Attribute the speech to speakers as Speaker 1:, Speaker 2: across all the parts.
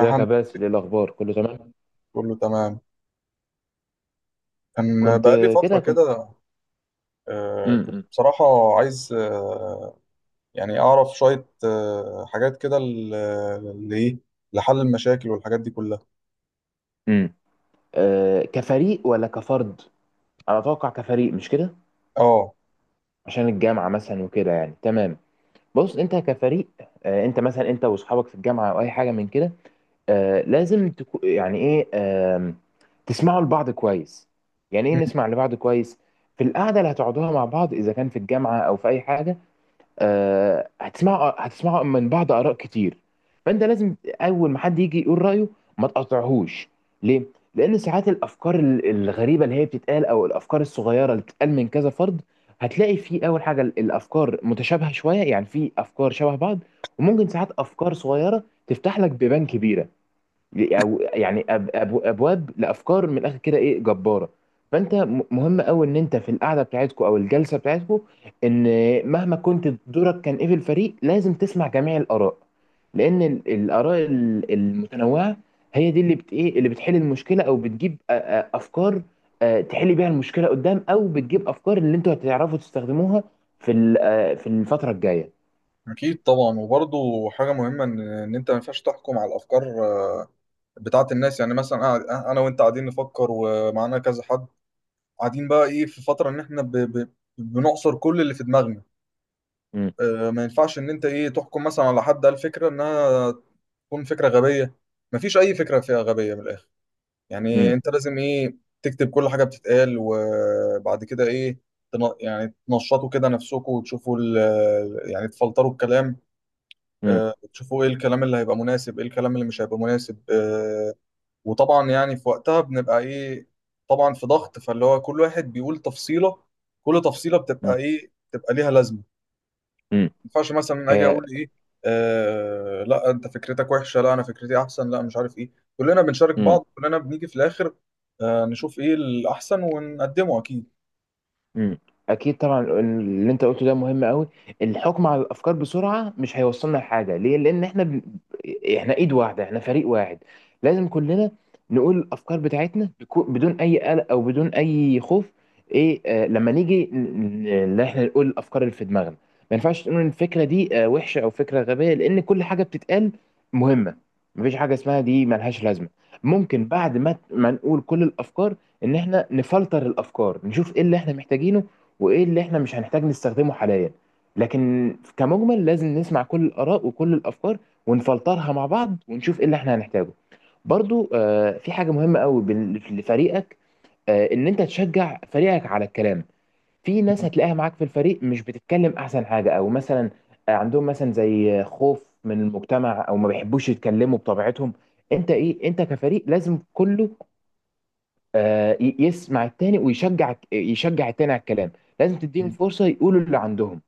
Speaker 1: ازيك يا
Speaker 2: لله،
Speaker 1: باسل، ايه الاخبار، كله تمام؟
Speaker 2: كله تمام. كان
Speaker 1: كنت
Speaker 2: بقالي فترة
Speaker 1: كده كنت.
Speaker 2: كده. كنت
Speaker 1: امم
Speaker 2: بصراحة عايز، يعني أعرف شوية حاجات كده ل- اللي إيه لحل المشاكل والحاجات دي كلها.
Speaker 1: امم آه، كفريق ولا كفرد؟ انا اتوقع كفريق، مش كده؟
Speaker 2: آه.
Speaker 1: عشان الجامعه مثلا وكده، يعني تمام. بص، انت كفريق. انت مثلا انت واصحابك في الجامعه او اي حاجه من كده. لازم يعني ايه، تسمعوا لبعض كويس. يعني ايه
Speaker 2: مم،
Speaker 1: نسمع لبعض كويس؟ في القعده اللي هتقعدوها مع بعض، اذا كان في الجامعه او في اي حاجه، هتسمعوا من بعض اراء كتير. فانت لازم، اول ما حد يجي يقول رايه، ما تقاطعهوش. ليه؟ لان ساعات الافكار الغريبه اللي هي بتتقال، او الافكار الصغيره اللي بتتقال من كذا فرد، هتلاقي في اول حاجه الافكار متشابهه شويه، يعني في افكار شبه بعض. وممكن ساعات افكار صغيره تفتح لك بيبان كبيره، يعني أب أب ابواب لافكار من الاخر كده ايه جباره. فانت مهم قوي ان انت في القعده بتاعتكو او الجلسه بتاعتكو، ان مهما كنت دورك كان ايه في الفريق، لازم تسمع جميع الاراء. لان الاراء المتنوعه هي دي اللي بت ايه اللي بتحل المشكله، او بتجيب افكار. تحل بيها المشكله قدام، او بتجيب افكار اللي انتوا هتعرفوا تستخدموها في ال- أ، في الفتره الجايه.
Speaker 2: أكيد طبعا، وبرضه حاجة مهمة إن أنت ما ينفعش تحكم على الأفكار آه، بتاعة الناس. يعني مثلا أنا وأنت قاعدين نفكر ومعانا كذا حد قاعدين بقى إيه في فترة إن إحنا بنعصر كل اللي في دماغنا.
Speaker 1: امم
Speaker 2: ما ينفعش إن أنت إيه تحكم مثلا على حد قال فكرة إنها تكون فكرة غبية. مفيش أي فكرة فيها غبية من الآخر.
Speaker 1: امم
Speaker 2: يعني أنت لازم إيه تكتب كل حاجة بتتقال، وبعد كده إيه يعني تنشطوا كده نفسكم وتشوفوا ال، يعني تفلتروا الكلام.
Speaker 1: امم
Speaker 2: تشوفوا إيه الكلام اللي هيبقى مناسب، إيه الكلام اللي مش هيبقى مناسب. وطبعا يعني في وقتها بنبقى إيه، طبعا في ضغط، فاللي هو كل واحد بيقول تفصيلة، كل تفصيلة بتبقى إيه، بتبقى ليها لازمة.
Speaker 1: امم
Speaker 2: ينفعش مثلا اجي
Speaker 1: هي
Speaker 2: اقول ايه؟ آه، لا انت فكرتك وحشه، لا انا فكرتي احسن، لا مش عارف ايه. كلنا بنشارك بعض، كلنا بنيجي في الاخر نشوف ايه الاحسن ونقدمه. اكيد.
Speaker 1: مم. اكيد طبعا، اللي انت قلته ده مهم قوي. الحكم على الافكار بسرعه مش هيوصلنا لحاجه. ليه؟ لان احنا احنا ايد واحده، احنا فريق واحد. لازم كلنا نقول الافكار بتاعتنا بدون اي قلق او بدون اي خوف. ايه آه لما نيجي ان احنا نقول الافكار اللي في دماغنا. ما ينفعش تقول ان الفكره دي وحشه او فكره غبيه، لان كل حاجه بتتقال مهمه. مفيش حاجه اسمها دي ملهاش لازمه. ممكن بعد ما نقول كل الافكار، ان احنا نفلتر الافكار، نشوف ايه اللي احنا محتاجينه وايه اللي احنا مش هنحتاج نستخدمه حاليا. لكن كمجمل، لازم نسمع كل الاراء وكل الافكار، ونفلترها مع بعض، ونشوف ايه اللي احنا هنحتاجه. برضو، في حاجة مهمة قوي لفريقك، ان انت تشجع فريقك على الكلام. في ناس هتلاقيها معاك في الفريق مش بتتكلم احسن حاجة، او مثلا عندهم مثلا زي خوف من المجتمع، او ما بيحبوش يتكلموا بطبيعتهم. انت ايه انت كفريق لازم كله، يسمع التاني، ويشجع التاني على الكلام. لازم تديهم فرصة يقولوا اللي عندهم.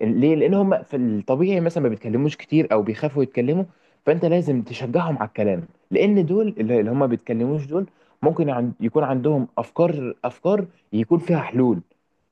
Speaker 1: ليه؟ لان هم في الطبيعي مثلا ما بيتكلموش كتير، او بيخافوا يتكلموا. فانت لازم تشجعهم على الكلام، لان دول اللي هم ما بيتكلموش دول ممكن يكون عندهم افكار يكون فيها حلول.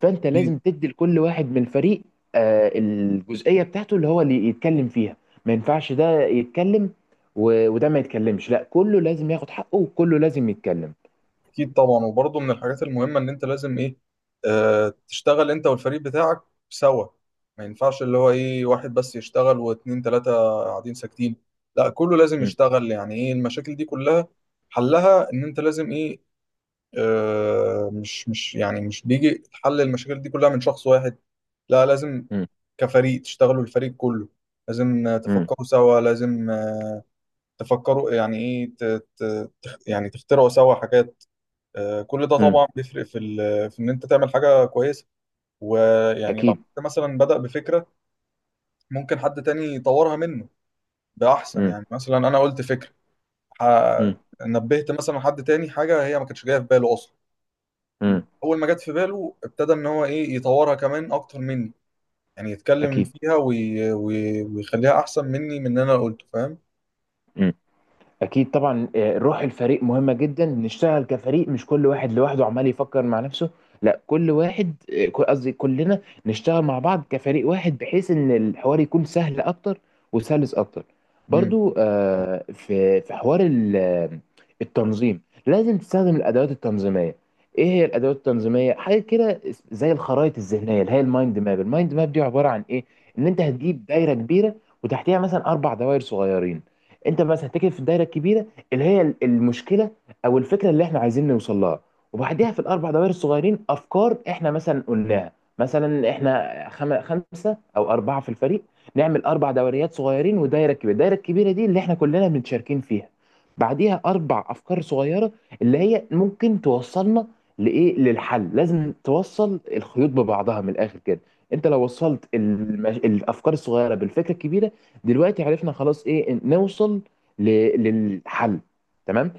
Speaker 1: فانت
Speaker 2: اكيد.
Speaker 1: لازم تدي لكل واحد من الفريق الجزئية بتاعته اللي هو اللي يتكلم فيها. ما ينفعش ده يتكلم وده ما يتكلمش، لا، كله لازم ياخد حقه وكله لازم يتكلم.
Speaker 2: اكيد طبعا، وبرضه من الحاجات المهمه ان انت لازم ايه، تشتغل انت والفريق بتاعك سوا. ما ينفعش اللي هو ايه واحد بس يشتغل واتنين تلاته قاعدين ساكتين. لا، كله لازم يشتغل. يعني ايه، المشاكل دي كلها حلها ان انت لازم ايه، آه، مش مش يعني مش بيجي حل المشاكل دي كلها من شخص واحد. لا، لازم
Speaker 1: مم.
Speaker 2: كفريق تشتغلوا، الفريق كله لازم
Speaker 1: مم.
Speaker 2: تفكروا سوا، لازم تفكروا. يعني ايه يعني تخترعوا سوا حاجات. كل ده
Speaker 1: مم.
Speaker 2: طبعا بيفرق في في ان انت تعمل حاجة كويسة. ويعني لو
Speaker 1: أكيد.
Speaker 2: حد مثلا بدأ بفكرة، ممكن حد تاني يطورها منه. ده احسن.
Speaker 1: مم.
Speaker 2: يعني مثلا انا قلت فكرة، ح-
Speaker 1: مم.
Speaker 2: نبهت مثلا حد تاني حاجة هي ما كانتش جاية في باله اصلا.
Speaker 1: مم.
Speaker 2: اول ما جت في باله ابتدى ان هو ايه يطورها كمان اكتر مني، يعني يتكلم
Speaker 1: أكيد.
Speaker 2: فيها ويخليها احسن مني من اللي انا قلته، فاهم؟
Speaker 1: مم. اكيد طبعا، روح الفريق مهمه جدا، نشتغل كفريق مش كل واحد لوحده عمال يفكر مع نفسه. لا، كل واحد قصدي كلنا نشتغل مع بعض كفريق واحد، بحيث ان الحوار يكون سهل اكتر وسلس اكتر.
Speaker 2: امم.
Speaker 1: برضو، في حوار التنظيم. لازم تستخدم الادوات التنظيميه. ايه هي الادوات التنظيميه؟ حاجه كده زي الخرائط الذهنيه اللي هي المايند ماب. المايند ماب دي عباره عن ايه؟ ان انت هتجيب دايره كبيره، وتحتيها مثلا اربع دوائر صغيرين. انت بس هتتكلم في الدايره الكبيره، اللي هي المشكله او الفكره اللي احنا عايزين نوصل لها. وبعديها في الاربع دوائر الصغيرين افكار احنا مثلا قلناها. مثلا احنا خمسه او اربعه في الفريق، نعمل اربع دوريات صغيرين ودايره كبيره. الدايره الكبيره دي اللي احنا كلنا متشاركين فيها، بعديها اربع افكار صغيره اللي هي ممكن توصلنا للحل. لازم توصل الخيوط ببعضها من الاخر كده. انت لو وصلت الافكار الصغيره بالفكره الكبيره، دلوقتي عرفنا خلاص ايه نوصل للحل. تمام.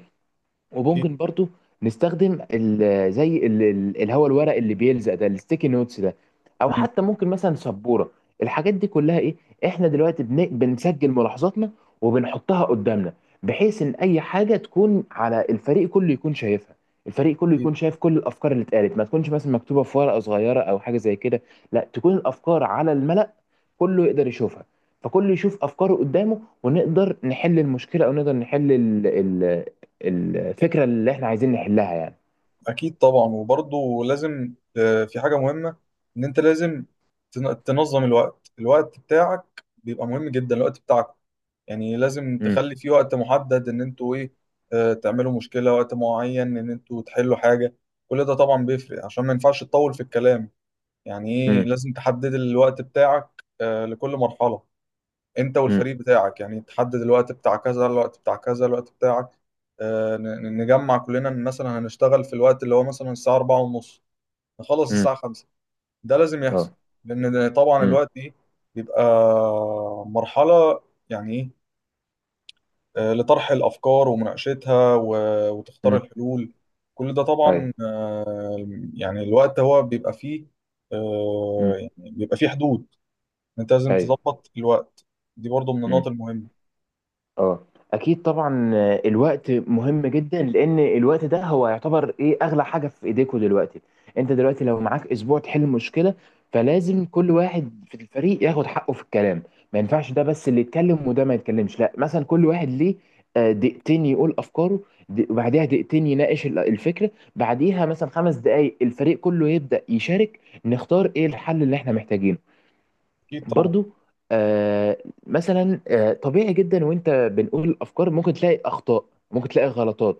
Speaker 2: أكيد.
Speaker 1: وممكن برضو نستخدم زي الهواء، الورق اللي بيلزق ده، الستيكي نوتس ده، او
Speaker 2: امم.
Speaker 1: حتى ممكن مثلا سبوره. الحاجات دي كلها ايه؟ احنا دلوقتي بنسجل ملاحظاتنا وبنحطها قدامنا، بحيث ان اي حاجه تكون على الفريق كله يكون شايفها. الفريق كله
Speaker 2: اكيد.
Speaker 1: يكون شايف كل الافكار اللي اتقالت، ما تكونش مثلا مكتوبه في ورقه صغيره او حاجه زي كده. لا، تكون الافكار على الملأ، كله يقدر يشوفها. فكله يشوف افكاره قدامه ونقدر نحل المشكله، او نقدر نحل الفكره اللي احنا عايزين نحلها يعني.
Speaker 2: أكيد طبعا، وبرضه لازم في حاجه مهمه ان انت لازم تنظم الوقت. الوقت بتاعك بيبقى مهم جدا. الوقت بتاعك يعني لازم
Speaker 1: امم
Speaker 2: تخلي فيه وقت محدد ان انتوا ايه، تعملوا مشكله، وقت معين ان انتوا تحلوا حاجه. كل ده طبعا بيفرق عشان ما ينفعش تطول في الكلام. يعني ايه،
Speaker 1: امم
Speaker 2: لازم تحدد الوقت بتاعك لكل مرحلة. انت
Speaker 1: امم
Speaker 2: والفريق بتاعك يعني تحدد الوقت بتاع كذا، الوقت بتاع كذا، الوقت بتاعك. نجمع كلنا إن مثلا هنشتغل في الوقت اللي هو مثلا الساعة أربعة ونص، نخلص
Speaker 1: امم
Speaker 2: الساعة خمسة. ده لازم
Speaker 1: اه.
Speaker 2: يحصل، لأن ده طبعا
Speaker 1: امم
Speaker 2: الوقت دي بيبقى مرحلة. يعني ايه، لطرح الأفكار ومناقشتها وتختار الحلول، كل ده
Speaker 1: طيب.
Speaker 2: طبعا. آه، يعني الوقت هو بيبقى فيه،
Speaker 1: امم
Speaker 2: يعني بيبقى فيه حدود. انت لازم
Speaker 1: طيب.
Speaker 2: تظبط الوقت. دي برضو من النقط المهمه.
Speaker 1: اه. اكيد طبعا، الوقت مهم جدا، لان الوقت ده هو يعتبر اغلى حاجه في ايديكوا دلوقتي. انت دلوقتي لو معاك اسبوع تحل مشكله، فلازم كل واحد في الفريق ياخد حقه في الكلام. ما ينفعش ده بس اللي يتكلم وده ما يتكلمش، لا، مثلا كل واحد ليه دقيقتين يقول افكاره، وبعديها دقيقتين يناقش الفكره، بعديها مثلا 5 دقائق الفريق كله يبدا يشارك، نختار ايه الحل اللي احنا محتاجينه.
Speaker 2: اكيد طبعا.
Speaker 1: برضو، آه مثلا طبيعي جدا وانت بنقول الافكار ممكن تلاقي اخطاء، ممكن تلاقي غلطات.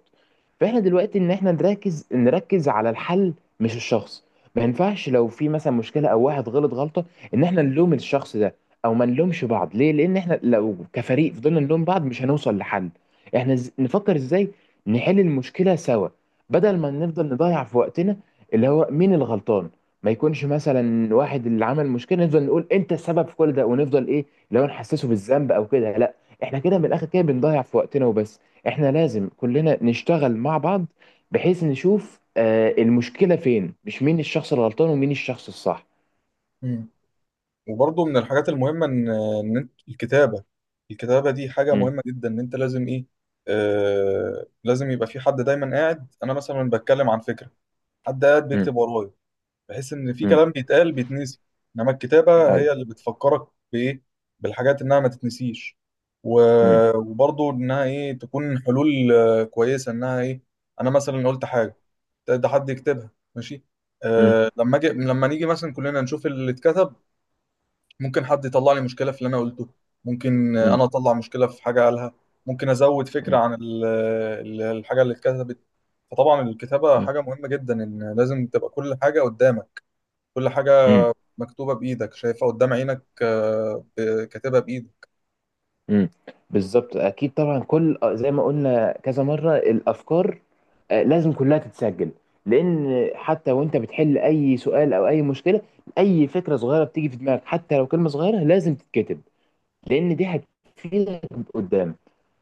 Speaker 1: فاحنا دلوقتي ان احنا نركز على الحل، مش الشخص. ما ينفعش لو في مثلا مشكله او واحد غلط غلطه ان احنا نلوم الشخص ده، او ما نلومش بعض. ليه؟ لان احنا لو كفريق فضلنا نلوم بعض مش هنوصل لحل. احنا نفكر ازاي نحل المشكله سوا، بدل ما نفضل نضيع في وقتنا اللي هو مين الغلطان. ما يكونش مثلا واحد اللي عمل مشكله نفضل نقول انت السبب في كل ده، ونفضل ايه لو نحسسه بالذنب او كده. لا، احنا كده من الاخر كده بنضيع في وقتنا وبس. احنا لازم كلنا نشتغل مع بعض، بحيث نشوف المشكله فين، مش مين الشخص الغلطان ومين الشخص الصح.
Speaker 2: مم. وبرضو من الحاجات المهمه ان انت الكتابه. الكتابه دي حاجه
Speaker 1: امم
Speaker 2: مهمه جدا، ان انت لازم ايه، لازم يبقى في حد دايما قاعد. انا مثلا بتكلم عن فكره، حد قاعد
Speaker 1: امم
Speaker 2: بيكتب ورايا، بحيث ان في
Speaker 1: امم
Speaker 2: كلام بيتقال بيتنسي. انما الكتابه هي
Speaker 1: ايوه.
Speaker 2: اللي بتفكرك بايه، بالحاجات، انها ما تتنسيش.
Speaker 1: امم
Speaker 2: وبرضو انها ايه، تكون حلول كويسه انها ايه. انا مثلا قلت حاجه، ده حد يكتبها، ماشي. أه، لما نيجي مثلا كلنا نشوف اللي اتكتب. ممكن حد يطلع لي مشكله في اللي انا قلته، ممكن
Speaker 1: امم
Speaker 2: انا اطلع مشكله في حاجه قالها، ممكن ازود فكره عن الحاجه اللي اتكتبت. فطبعا الكتابه حاجه مهمه جدا، ان لازم تبقى كل حاجه قدامك، كل حاجه
Speaker 1: امم
Speaker 2: مكتوبه بايدك، شايفها قدام عينك، كاتبها بايدك.
Speaker 1: امم بالظبط. اكيد طبعا، كل زي ما قلنا كذا مره، الافكار لازم كلها تتسجل. لان حتى وانت بتحل اي سؤال او اي مشكله، اي فكره صغيره بتيجي في دماغك، حتى لو كلمه صغيره، لازم تتكتب، لان دي هتفيدك قدام.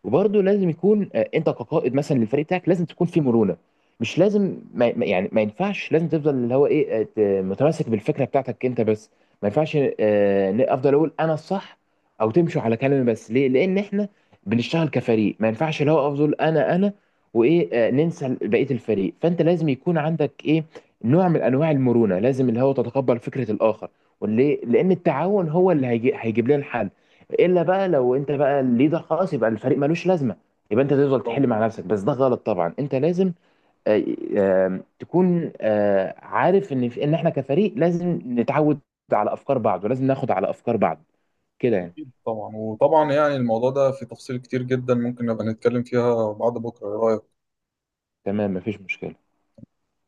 Speaker 1: وبرضه لازم يكون انت كقائد مثلا للفريق بتاعك لازم تكون في مرونه. مش لازم يعني ما ينفعش لازم تفضل اللي هو متمسك بالفكره بتاعتك انت بس. ما ينفعش افضل اقول انا الصح، او تمشوا على كلامي بس. ليه؟ لان احنا بنشتغل كفريق، ما ينفعش اللي هو افضل انا وايه ننسى بقيه الفريق. فانت لازم يكون عندك ايه، نوع من انواع المرونه، لازم اللي هو تتقبل فكره الاخر، واللي لان التعاون هو اللي هيجيب لنا الحل. الا بقى لو انت بقى الليدر خلاص، يبقى الفريق ملوش لازمه، يبقى انت تفضل
Speaker 2: طبعا.
Speaker 1: تحل مع نفسك بس، ده غلط طبعا. انت لازم آه، تكون عارف ان ان احنا كفريق لازم نتعود على افكار بعض، ولازم ناخد على افكار بعض كده يعني.
Speaker 2: اكيد طبعا، وطبعا يعني الموضوع ده في تفصيل كتير جدا، ممكن نبقى نتكلم فيها بعد بكره، ايه رايك؟
Speaker 1: تمام، مفيش مشكله.